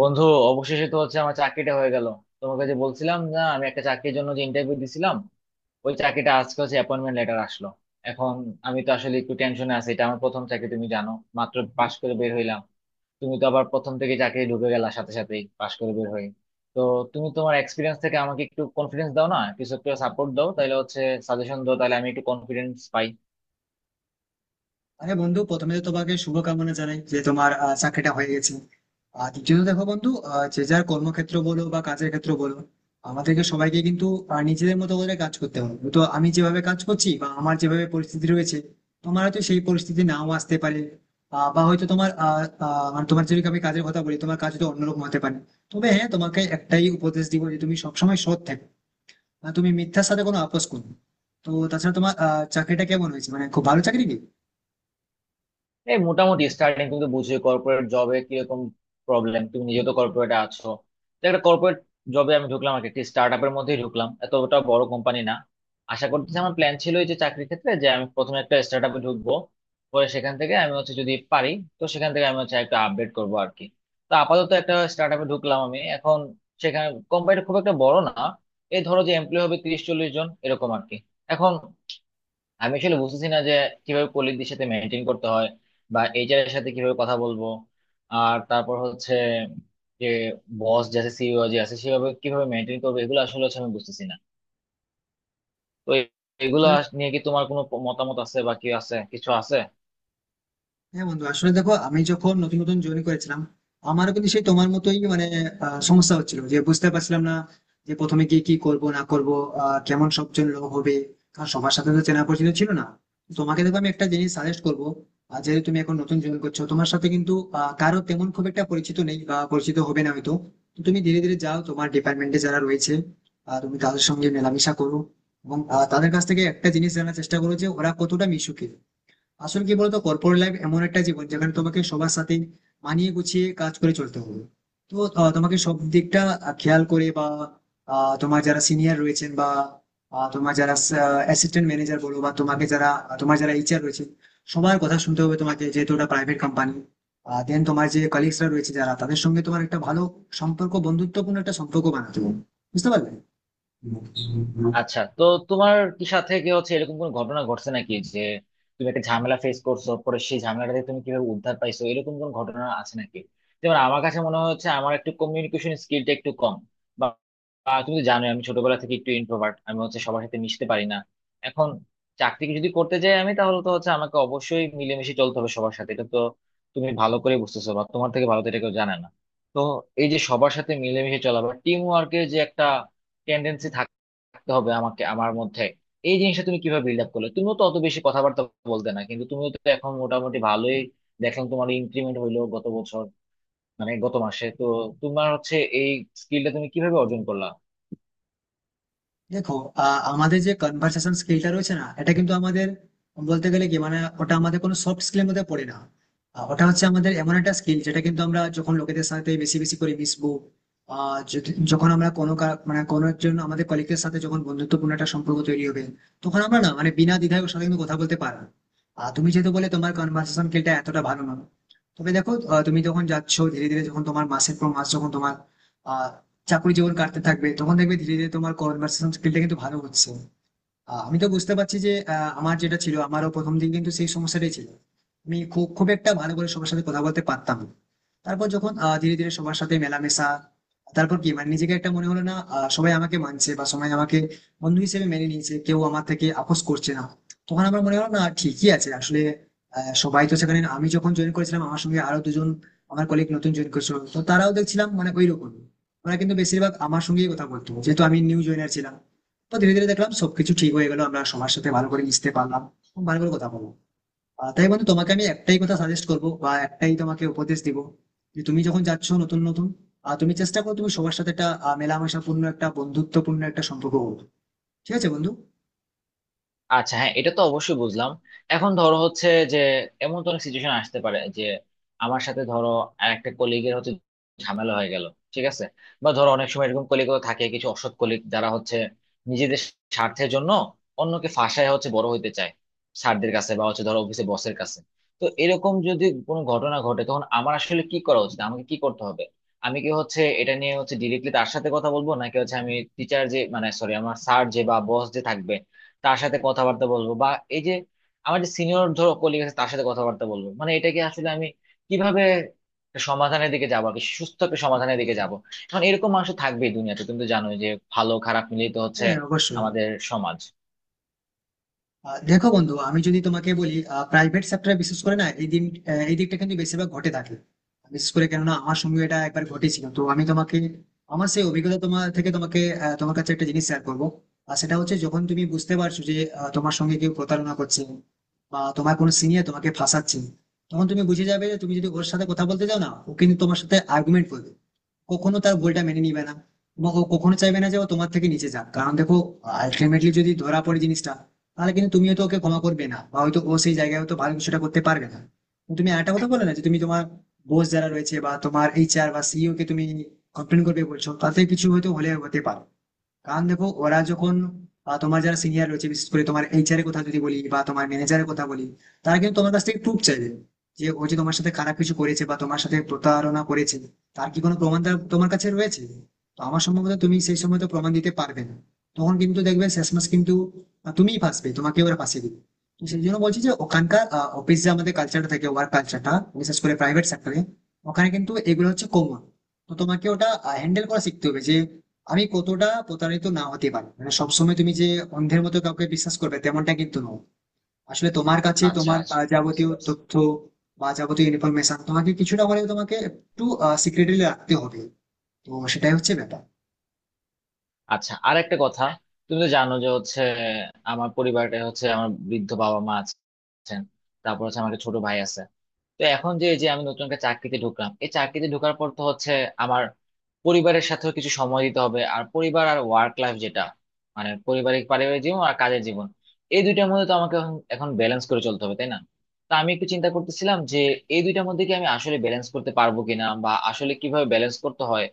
বন্ধু, অবশেষে তো হচ্ছে আমার চাকরিটা হয়ে গেল। তোমাকে যে বলছিলাম না আমি একটা চাকরির জন্য যে ইন্টারভিউ দিছিলাম, ওই চাকরিটা আজকে হচ্ছে অ্যাপয়েন্টমেন্ট লেটার আসলো। এখন আমি তো আসলে একটু টেনশনে আছি, এটা আমার প্রথম চাকরি তুমি জানো। মাত্র পাশ করে বের হইলাম। তুমি তো আবার প্রথম থেকে চাকরি ঢুকে গেলা সাথে সাথেই পাশ করে বের হই। তো তুমি তোমার এক্সপিরিয়েন্স থেকে আমাকে একটু কনফিডেন্স দাও না, কিছু একটু সাপোর্ট দাও তাহলে হচ্ছে সাজেশন দাও তাহলে আমি একটু কনফিডেন্স পাই। আরে বন্ধু, প্রথমে তো তোমাকে শুভকামনা জানাই যে তোমার চাকরিটা হয়ে গেছে। আর দ্বিতীয়ত দেখো বন্ধু, যে যার কর্মক্ষেত্র বলো বা কাজের ক্ষেত্র বলো, আমাদেরকে সবাইকে কিন্তু নিজেদের মতো করে কাজ করতে হবে। তো আমি যেভাবে কাজ করছি বা আমার যেভাবে পরিস্থিতি রয়েছে, তোমার হয়তো সেই পরিস্থিতি নাও আসতে পারে। বা হয়তো তোমার মানে তোমার যদি আমি কাজের কথা বলি, তোমার কাজ তো অন্যরকম হতে পারে। তবে হ্যাঁ, তোমাকে একটাই উপদেশ দিব যে তুমি সবসময় সৎ থাকো, মানে তুমি মিথ্যার সাথে কোনো আপোষ করো না। তো তাছাড়া তোমার চাকরিটা কেমন হয়েছে, মানে খুব ভালো চাকরি কি? এই মোটামুটি স্টার্টিং তুমি তো বুঝছো কর্পোরেট জবে কিরকম প্রবলেম, তুমি নিজে তো কর্পোরেটে আছো। তো একটা কর্পোরেট জবে আমি ঢুকলাম আর কি, একটি স্টার্ট আপের মধ্যেই ঢুকলাম, এতটা বড় কোম্পানি না। আশা করতেছি, আমার প্ল্যান ছিল এই যে চাকরির ক্ষেত্রে যে আমি প্রথমে একটা স্টার্ট আপে ঢুকবো, পরে সেখান থেকে আমি হচ্ছে যদি পারি তো সেখান থেকে আমি হচ্ছে একটা আপডেট করবো আর কি। তো আপাতত একটা স্টার্ট আপে ঢুকলাম আমি এখন। সেখানে কোম্পানিটা খুব একটা বড় না, এই ধরো যে এমপ্লয় হবে 30-40 জন এরকম আর কি। এখন আমি আসলে বুঝতেছি না যে কিভাবে কলিগদের সাথে মেনটেন করতে হয়, বা এইচআর এর সাথে কিভাবে কথা বলবো, আর তারপর হচ্ছে যে বস যে আছে সিইও যে আছে সেভাবে কিভাবে মেনটেন করবো, এগুলো আসলে হচ্ছে আমি বুঝতেছি না। তো এগুলো নিয়ে কি তোমার কোনো মতামত আছে বা কি আছে কিছু আছে? হ্যাঁ বন্ধু, আসলে দেখো, আমি যখন নতুন নতুন জয়েন করেছিলাম, আমারও কিন্তু সেই তোমার মতোই মানে সমস্যা হচ্ছিল, যে বুঝতে পারছিলাম না যে প্রথমে গিয়ে কি করব না করব, কেমন সবজন লোক হবে, কারণ সবার সাথে তো চেনা পরিচিত ছিল না। তোমাকে দেখো আমি একটা জিনিস সাজেস্ট করবো, যেহেতু তুমি এখন নতুন জয়েন করছো, তোমার সাথে কিন্তু কারো তেমন খুব একটা পরিচিত নেই বা পরিচিত হবে না হয়তো। তো তুমি ধীরে ধীরে যাও, তোমার ডিপার্টমেন্টে যারা রয়েছে, তুমি তাদের সঙ্গে মেলামেশা করো এবং তাদের কাছ থেকে একটা জিনিস জানার চেষ্টা করো যে ওরা কতটা মিশুকে। আসলে কি বলতো, কর্পোরেট লাইফ এমন একটা জীবন যেখানে তোমাকে সবার সাথে মানিয়ে গুছিয়ে কাজ করে চলতে হবে। তো তোমাকে সব দিকটা খেয়াল করে বা তোমার যারা সিনিয়র রয়েছেন বা তোমার যারা অ্যাসিস্ট্যান্ট ম্যানেজার বলো বা তোমাকে যারা তোমার যারা এইচআর রয়েছে, সবার কথা শুনতে হবে তোমাকে, যেহেতু ওটা প্রাইভেট কোম্পানি। দেন তোমার যে কলিগসরা রয়েছে যারা, তাদের সঙ্গে তোমার একটা ভালো সম্পর্ক, বন্ধুত্বপূর্ণ একটা সম্পর্ক বানাতে হবে। বুঝতে পারলে? আচ্ছা, তো তোমার কি সাথে কি হচ্ছে এরকম কোনো ঘটনা ঘটছে নাকি যে তুমি একটা ঝামেলা ফেস করছো, পরে সেই ঝামেলাটা থেকে তুমি কিভাবে উদ্ধার পাইছো এরকম কোন ঘটনা আছে নাকি? যেমন আমার কাছে মনে হচ্ছে আমার একটু কমিউনিকেশন স্কিলটা একটু কম, বা বা তুমি তো জানোই আমি ছোটবেলা থেকে একটু ইন্ট্রোভার্ট, আমি হচ্ছে সবার সাথে মিশতে পারি না। এখন চাকরিকে যদি করতে যাই আমি তাহলে তো হচ্ছে আমাকে অবশ্যই মিলেমিশে চলতে হবে সবার সাথে, এটা তো তুমি ভালো করে বুঝতেছো বা তোমার থেকে ভালো তো এটা কেউ জানে না। তো এই যে সবার সাথে মিলেমিশে চলা বা টিম ওয়ার্কের যে একটা রাখতে হবে আমাকে আমার মধ্যে, এই জিনিসটা তুমি কিভাবে বিল্ড আপ করলে? তুমিও তো অত বেশি কথাবার্তা বলতে না কিন্তু, তুমিও তো এখন মোটামুটি ভালোই। দেখলাম তোমার ইনক্রিমেন্ট হইলো গত বছর মানে গত মাসে তো। তোমার হচ্ছে এই স্কিলটা তুমি কিভাবে অর্জন করলা? দেখো, আমাদের যে কনভার্সেশন স্কিলটা রয়েছে না, এটা কিন্তু আমাদের বলতে গেলে কি মানে ওটা আমাদের কোনো সফট স্কিলের মধ্যে পড়ে না। ওটা হচ্ছে আমাদের এমন একটা স্কিল, যেটা কিন্তু আমরা যখন লোকেদের সাথে বেশি বেশি করে মিশবো, যখন আমরা মানে কোনো একজন আমাদের কলিগের সাথে যখন বন্ধুত্বপূর্ণ একটা সম্পর্ক তৈরি হবে, তখন আমরা না মানে বিনা দ্বিধায় ওর সাথে কিন্তু কথা বলতে পারবো। আর তুমি যেহেতু বলে তোমার কনভার্সেশন স্কিলটা এতটা ভালো নয়, তবে দেখো তুমি যখন যাচ্ছো ধীরে ধীরে, যখন তোমার মাসের পর মাস যখন তোমার চাকরি জীবন কাটতে থাকবে, তখন দেখবে ধীরে ধীরে তোমার কনভার্সেশন স্কিলটা কিন্তু ভালো হচ্ছে। আমি তো বুঝতে পারছি যে আমার যেটা ছিল, আমারও প্রথম দিন কিন্তু সেই সমস্যাটাই ছিল, আমি খুব খুব একটা ভালো করে সবার সাথে কথা বলতে পারতাম না। তারপর যখন ধীরে ধীরে সবার সাথে মেলামেশা, তারপর কি মানে নিজেকে একটা মনে হলো না, সবাই আমাকে মানছে বা সবাই আমাকে বন্ধু হিসেবে মেনে নিয়েছে, কেউ আমার থেকে আপোস করছে না, তখন আমার মনে হলো না ঠিকই আছে আসলে। সবাই তো সেখানে, আমি যখন জয়েন করেছিলাম আমার সঙ্গে আরো দুজন আমার কলিগ নতুন জয়েন করেছিল, তো তারাও দেখছিলাম মানে ওই রকম, ওরা কিন্তু বেশিরভাগ আমার সঙ্গেই কথা বলতো, যেহেতু আমি নিউ জয়েনার ছিলাম। তো ধীরে ধীরে দেখলাম সবকিছু ঠিক হয়ে গেল, আমরা সবার সাথে ভালো করে মিশতে পারলাম, ভালো করে কথা বললাম। তাই বন্ধু, তোমাকে আমি একটাই কথা সাজেস্ট করব বা একটাই তোমাকে উপদেশ দিব, যে তুমি যখন যাচ্ছ নতুন নতুন, তুমি চেষ্টা করো তুমি সবার সাথে একটা মেলামেশাপূর্ণ একটা বন্ধুত্বপূর্ণ একটা সম্পর্ক হোক। ঠিক আছে বন্ধু? আচ্ছা হ্যাঁ, এটা তো অবশ্যই বুঝলাম। এখন ধরো হচ্ছে যে এমন তো অনেক সিচুয়েশন আসতে পারে যে আমার সাথে ধরো আরেকটা কলিগের হচ্ছে ঝামেলা হয়ে গেল, ঠিক আছে। বা ধরো অনেক সময় এরকম কলিগও থাকে, কিছু অসৎ কলিগ যারা হচ্ছে নিজেদের স্বার্থের জন্য অন্যকে ফাঁসায় হচ্ছে বড় হইতে চায় স্যারদের কাছে বা হচ্ছে ধরো অফিসে বসের কাছে। তো এরকম যদি কোনো ঘটনা ঘটে তখন আমার আসলে কি করা উচিত, আমাকে কি করতে হবে? আমি কি হচ্ছে এটা নিয়ে হচ্ছে ডিরেক্টলি তার সাথে কথা বলবো, নাকি হচ্ছে আমি টিচার যে মানে সরি আমার স্যার যে বা বস যে থাকবে তার সাথে কথাবার্তা বলবো, বা এই যে আমার যে সিনিয়র ধরো কলিগ আছে তার সাথে কথাবার্তা বলবো, মানে এটাকে আসলে আমি কিভাবে একটা সমাধানের দিকে যাবো আর কি, সুস্থ একটা সমাধানের দিকে যাবো? এখন এরকম মানুষ তো থাকবেই দুনিয়াতে, তুমি তো জানোই যে ভালো খারাপ মিলিয়ে তো হচ্ছে হ্যাঁ, অবশ্যই। আমাদের সমাজ। দেখো বন্ধু, আমি যদি তোমাকে বলি, প্রাইভেট সেক্টরে বিশেষ করে না এই দিন, এই দিকটা কিন্তু বেশিরভাগ ঘটে থাকে। বিশেষ করে কেননা আমার সঙ্গে এটা একবার ঘটেছিল, তো আমি তোমাকে আমার সেই অভিজ্ঞতা তোমার থেকে তোমাকে তোমার কাছে একটা জিনিস শেয়ার করবো। আর সেটা হচ্ছে, যখন তুমি বুঝতে পারছো যে তোমার সঙ্গে কেউ প্রতারণা করছে বা তোমার কোনো সিনিয়র তোমাকে ফাঁসাচ্ছে, তখন তুমি বুঝে যাবে যে তুমি যদি ওর সাথে কথা বলতে যাও না, ও কিন্তু তোমার সাথে আর্গুমেন্ট করবে, কখনো তার ভুলটা মেনে নিবে না। এবং ও কখনো চাইবে না যে ও তোমার থেকে নিচে যাক, কারণ দেখো আলটিমেটলি যদি ধরা পড়ে জিনিসটা, তাহলে কিন্তু তুমিও তো ওকে ক্ষমা করবে না, বা হয়তো ও সেই জায়গায় হয়তো ভালো কিছুটা করতে পারবে না। তুমি আরেকটা কথা বলে না যে তুমি তোমার বস যারা রয়েছে বা তোমার এইচআর বা সিইও কে তুমি কমপ্লেন করবে বলছো, তাতে কিছু হয়তো হলে হতে পারে। কারণ দেখো ওরা যখন তোমার যারা সিনিয়র রয়েছে, বিশেষ করে তোমার এইচআর এর কথা যদি বলি বা তোমার ম্যানেজারের কথা বলি, তারা কিন্তু তোমার কাছ থেকে প্রুফ চাইবে যে ও যে তোমার সাথে খারাপ কিছু করেছে বা তোমার সাথে প্রতারণা করেছে, তার- কি কোনো প্রমাণ তোমার কাছে রয়েছে। তো আমার সম্ভবত তুমি সেই সময় তো প্রমাণ দিতে পারবে না, তখন কিন্তু দেখবে শেষমেশ কিন্তু তুমিই ফাঁসবে, তোমাকে ওরা ফাঁসিয়ে দিবে। তো সেই জন্য বলছি যে ওখানকার অফিস যে আমাদের কালচারটা থাকে, ওয়ার্ক কালচারটা, বিশেষ করে প্রাইভেট সেক্টরে, ওখানে কিন্তু এগুলো হচ্ছে কমন। তো তোমাকে ওটা হ্যান্ডেল করা শিখতে হবে যে আমি কতটা প্রতারিত না হতে পারি, মানে সবসময় তুমি যে অন্ধের মতো কাউকে বিশ্বাস করবে তেমনটা কিন্তু নয়। আসলে তোমার কাছে আচ্ছা তোমার আচ্ছা, বুঝতে যাবতীয় পারছি। তথ্য বা যাবতীয় ইনফরমেশন তোমাকে কিছুটা হলেও তোমাকে একটু সিক্রেটলি রাখতে হবে। তো সেটাই হচ্ছে ব্যাপার। আচ্ছা আর একটা কথা, তুমি তো জানো যে হচ্ছে আমার পরিবারটা হচ্ছে আমার বৃদ্ধ বাবা মা আছেন, তারপর হচ্ছে আমার একটা ছোট ভাই আছে। তো এখন যে যে আমি নতুন একটা চাকরিতে ঢুকলাম, এই চাকরিতে ঢোকার পর তো হচ্ছে আমার পরিবারের সাথেও কিছু সময় দিতে হবে। আর পরিবার আর ওয়ার্ক লাইফ যেটা মানে পারিবারিক পারিবারিক জীবন আর কাজের জীবন, এই দুইটার মধ্যে তো আমাকে এখন এখন ব্যালেন্স করে চলতে হবে তাই না? তো আমি একটু চিন্তা করতেছিলাম যে এই দুইটার মধ্যে কি আমি আসলে ব্যালেন্স করতে পারবো কিনা, বা আসলে কিভাবে ব্যালেন্স করতে হয়।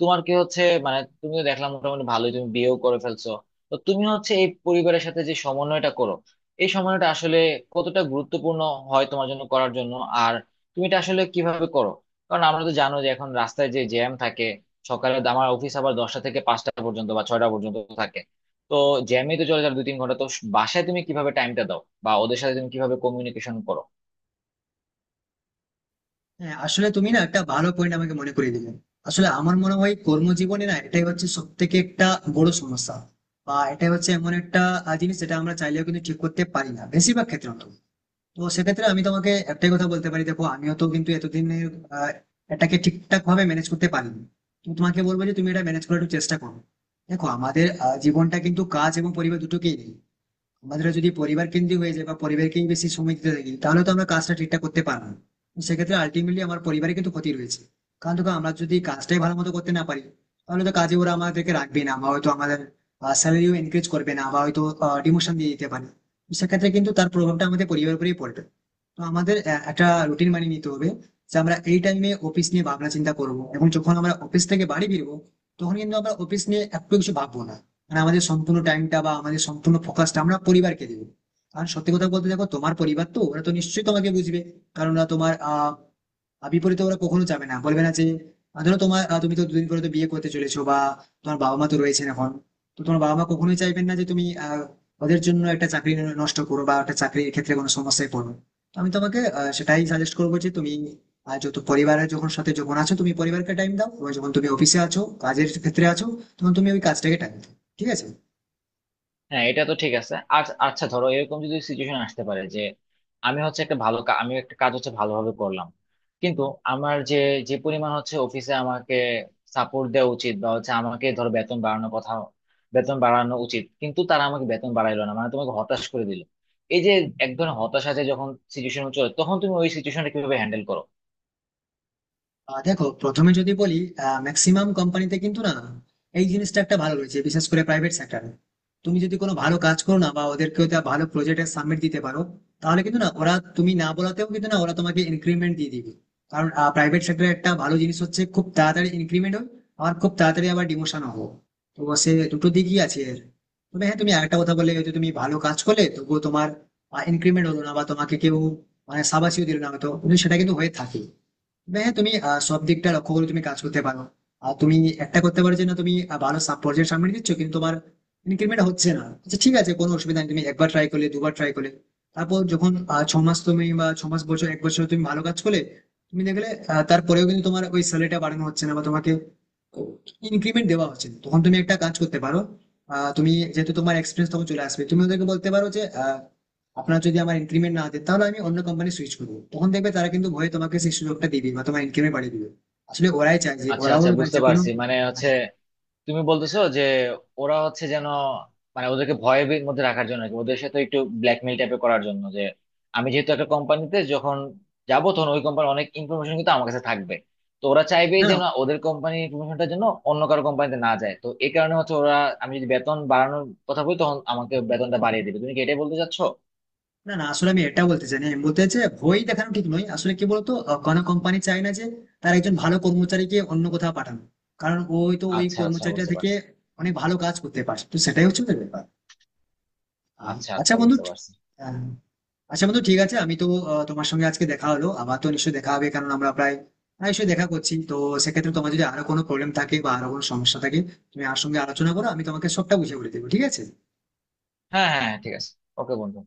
তোমার কি হচ্ছে মানে তুমি তো দেখলাম মোটামুটি ভালোই, তুমি বিয়েও করে ফেলছো। তো তুমি হচ্ছে এই পরিবারের সাথে যে সমন্বয়টা করো, এই সময়টা আসলে কতটা গুরুত্বপূর্ণ হয় তোমার জন্য করার জন্য, আর তুমি এটা আসলে কিভাবে করো? কারণ আমরা তো জানো যে এখন রাস্তায় যে জ্যাম থাকে, সকালে তো আমার অফিস আবার 10টা থেকে 5টা পর্যন্ত বা 6টা পর্যন্ত থাকে। তো জ্যামে তো চলে যায় 2-3 ঘন্টা তো, বাসায় তুমি কিভাবে টাইমটা দাও বা ওদের সাথে তুমি কিভাবে কমিউনিকেশন করো? হ্যাঁ আসলে তুমি না একটা ভালো পয়েন্ট আমাকে মনে করিয়ে দিলে। আসলে আমার মনে হয় কর্মজীবনে না এটাই হচ্ছে সব থেকে একটা বড় সমস্যা, বা এটাই হচ্ছে এমন একটা জিনিস যেটা আমরা চাইলেও কিন্তু ঠিক করতে পারি না বেশিরভাগ ক্ষেত্রে অন্তত। তো সেক্ষেত্রে আমি তোমাকে একটাই কথা বলতে পারি, দেখো আমিও তো কিন্তু এতদিনে আহ, এটাকে ঠিকঠাক ভাবে ম্যানেজ করতে পারিনি। তো তোমাকে বলবো যে তুমি এটা ম্যানেজ করার একটু চেষ্টা করো। দেখো আমাদের জীবনটা কিন্তু কাজ এবং পরিবার দুটোকেই নেই। আমাদের যদি পরিবার কেন্দ্রিক হয়ে যায় বা পরিবারকেই বেশি সময় দিতে থাকি, তাহলে তো আমরা কাজটা ঠিকঠাক করতে পারবো না। তো সেক্ষেত্রে আলটিমেটলি আমার পরিবারে কিন্তু ক্ষতি রয়েছে। কারণ দেখো আমরা যদি কাজটাই ভালো মতো করতে না পারি, তাহলে তো কাজে ওরা আমাদেরকে রাখবে না, বা হয়তো আমাদের স্যালারিও এনকারেজ করবে না, বা হয়তো ডিমোশন দিয়ে দিতে পারে। তো সেক্ষেত্রে কিন্তু তার প্রভাবটা আমাদের পরিবারের উপরেই পড়বে। তো আমাদের একটা রুটিন মানিয়ে নিতে হবে, যে আমরা এই টাইমে অফিস নিয়ে ভাবনা চিন্তা করবো, এবং যখন আমরা অফিস থেকে বাড়ি ফিরবো, তখন কিন্তু আমরা অফিস নিয়ে একটু কিছু ভাববো না। মানে আমাদের সম্পূর্ণ টাইমটা বা আমাদের সম্পূর্ণ ফোকাসটা আমরা পরিবারকে দেবো। কারণ সত্যি কথা বলতে দেখো তোমার পরিবার তো, ওরা তো নিশ্চয়ই তোমাকে বুঝবে, কারণ ওরা তোমার বিপরীতে ওরা কখনো যাবে না, বলবে না যে ধরো তোমার তুমি তো দুদিন পরে তো বিয়ে করতে চলেছো, বা তোমার বাবা মা তো রয়েছেন এখন। তো তোমার বাবা মা কখনোই চাইবেন না যে তুমি ওদের জন্য একটা চাকরি নষ্ট করো বা একটা চাকরির ক্ষেত্রে কোনো সমস্যায় পড়ো। তো আমি তোমাকে সেটাই সাজেস্ট করবো যে তুমি যত পরিবারের যখন সাথে যখন আছো, তুমি পরিবারকে টাইম দাও, এবং যখন তুমি অফিসে আছো, কাজের ক্ষেত্রে আছো, তখন তুমি ওই কাজটাকে টাইম দাও। ঠিক আছে? হ্যাঁ এটা তো ঠিক আছে। আর আচ্ছা ধরো এরকম যদি সিচুয়েশন আসতে পারে যে আমি হচ্ছে একটা ভালো আমি একটা কাজ হচ্ছে ভালোভাবে করলাম, কিন্তু আমার যে যে পরিমাণ হচ্ছে অফিসে আমাকে সাপোর্ট দেওয়া উচিত বা হচ্ছে আমাকে ধরো বেতন বাড়ানোর কথা, বেতন বাড়ানো উচিত কিন্তু তারা আমাকে বেতন বাড়াইলো না মানে তোমাকে হতাশ করে দিল। এই যে এক ধরনের হতাশা, যে যখন সিচুয়েশন চলে তখন তুমি ওই সিচুয়েশনটা কিভাবে হ্যান্ডেল করো? আহ দেখো, প্রথমে যদি বলি, ম্যাক্সিমাম কোম্পানিতে কিন্তু না এই জিনিসটা একটা ভালো রয়েছে, বিশেষ করে প্রাইভেট সেক্টরে। তুমি যদি কোনো ভালো কাজ করো না, বা ওদেরকে ওটা ভালো প্রজেক্টে সাবমিট দিতে পারো, তাহলে কিন্তু না ওরা তুমি না বলাতেও কিন্তু না ওরা তোমাকে ইনক্রিমেন্ট দিয়ে দিবে। কারণ প্রাইভেট সেক্টরে একটা ভালো জিনিস হচ্ছে, খুব তাড়াতাড়ি ইনক্রিমেন্ট হয়, আর খুব তাড়াতাড়ি আবার ডিমোশন হবো। তো সে দুটো দিকই আছে এর। তবে হ্যাঁ তুমি আরেকটা কথা বললে, হয়তো তুমি ভালো কাজ করলে তবুও তোমার ইনক্রিমেন্ট হলো না বা তোমাকে কেউ মানে সাবাসিও দিল না হয়তো, কিন্তু সেটা কিন্তু হয়ে থাকে। হ্যাঁ তুমি সব দিকটা লক্ষ্য করে তুমি কাজ করতে পারো। আর তুমি একটা করতে পারো যে, না তুমি ভালো সাব পর্যায়ে সামনে দিচ্ছ কিন্তু তোমার ইনক্রিমেন্ট হচ্ছে না, আচ্ছা ঠিক আছে কোনো অসুবিধা নেই, তুমি একবার ট্রাই করলে দুবার ট্রাই করলে, তারপর যখন ছ মাস তুমি বা ছ মাস বছর এক বছর তুমি ভালো কাজ করলে, তুমি দেখলে তারপরেও কিন্তু তোমার ওই স্যালারিটা বাড়ানো হচ্ছে না বা তোমাকে ইনক্রিমেন্ট দেওয়া হচ্ছে না, তখন তুমি একটা কাজ করতে পারো। তুমি যেহেতু তোমার এক্সপিরিয়েন্স তখন চলে আসবে, তুমি ওদেরকে বলতে পারো যে আহ, আপনার যদি আমার ইনক্রিমেন্ট না দেয় তাহলে আমি অন্য কোম্পানি সুইচ করবো, তখন দেখবে তারা কিন্তু ভয়ে তোমাকে সেই সুযোগটা দিবে বা তোমার ইনক্রিমেন্ট বাড়িয়ে দিবে। আসলে ওরাই চায় যে আচ্ছা ওরাও আচ্ছা, মানে বুঝতে যে কোনো পারছি। মানে হচ্ছে হ্যাঁ, তুমি বলতেছো যে ওরা হচ্ছে যেন মানে ওদেরকে ভয়ের মধ্যে রাখার জন্য আর কি, ওদের সাথে একটু ব্ল্যাকমেল টাইপের করার জন্য, যে আমি যেহেতু একটা কোম্পানিতে যখন যাবো তখন ওই কোম্পানির অনেক ইনফরমেশন কিন্তু আমার কাছে থাকবে। তো ওরা চাইবেই না না যেন ওদের কোম্পানির ইনফরমেশনটা যেন অন্য কারো কোম্পানিতে না যায়, তো এই কারণে হচ্ছে ওরা আমি যদি বেতন বাড়ানোর কথা বলি তখন আমাকে বেতনটা বাড়িয়ে দিবে, তুমি কি এটাই বলতে চাচ্ছো? না না আসলে আমি এটা বলতে চাই না, আমি বলতে চাই ভয় দেখানো ঠিক নয়, আসলে কি বলতো কোনো কোম্পানি চায় না যে তার একজন ভালো কর্মচারীকে অন্য কোথাও পাঠানো, কারণ ওই তো ওই আচ্ছা আচ্ছা কর্মচারীটা বুঝতে থেকে পারছি। অনেক ভালো কাজ করতে পারে। তো সেটাই হচ্ছে ওদের ব্যাপার। আচ্ছা আচ্ছা আচ্ছা বন্ধু, বুঝতে পারছি। আহ, আচ্ছা বন্ধু ঠিক আছে, আমি তো তোমার সঙ্গে আজকে দেখা হলো, আমার তো নিশ্চয়ই দেখা হবে, কারণ আমরা প্রায় নিশ্চয়ই দেখা করছি। তো সেক্ষেত্রে তোমার যদি আরো কোনো প্রবলেম থাকে বা আরো কোনো সমস্যা থাকে, তুমি আমার সঙ্গে আলোচনা করো, আমি তোমাকে সবটা বুঝিয়ে বলে দেবো। ঠিক আছে? হ্যাঁ হ্যাঁ হ্যাঁ, ঠিক আছে। ওকে বন্ধু।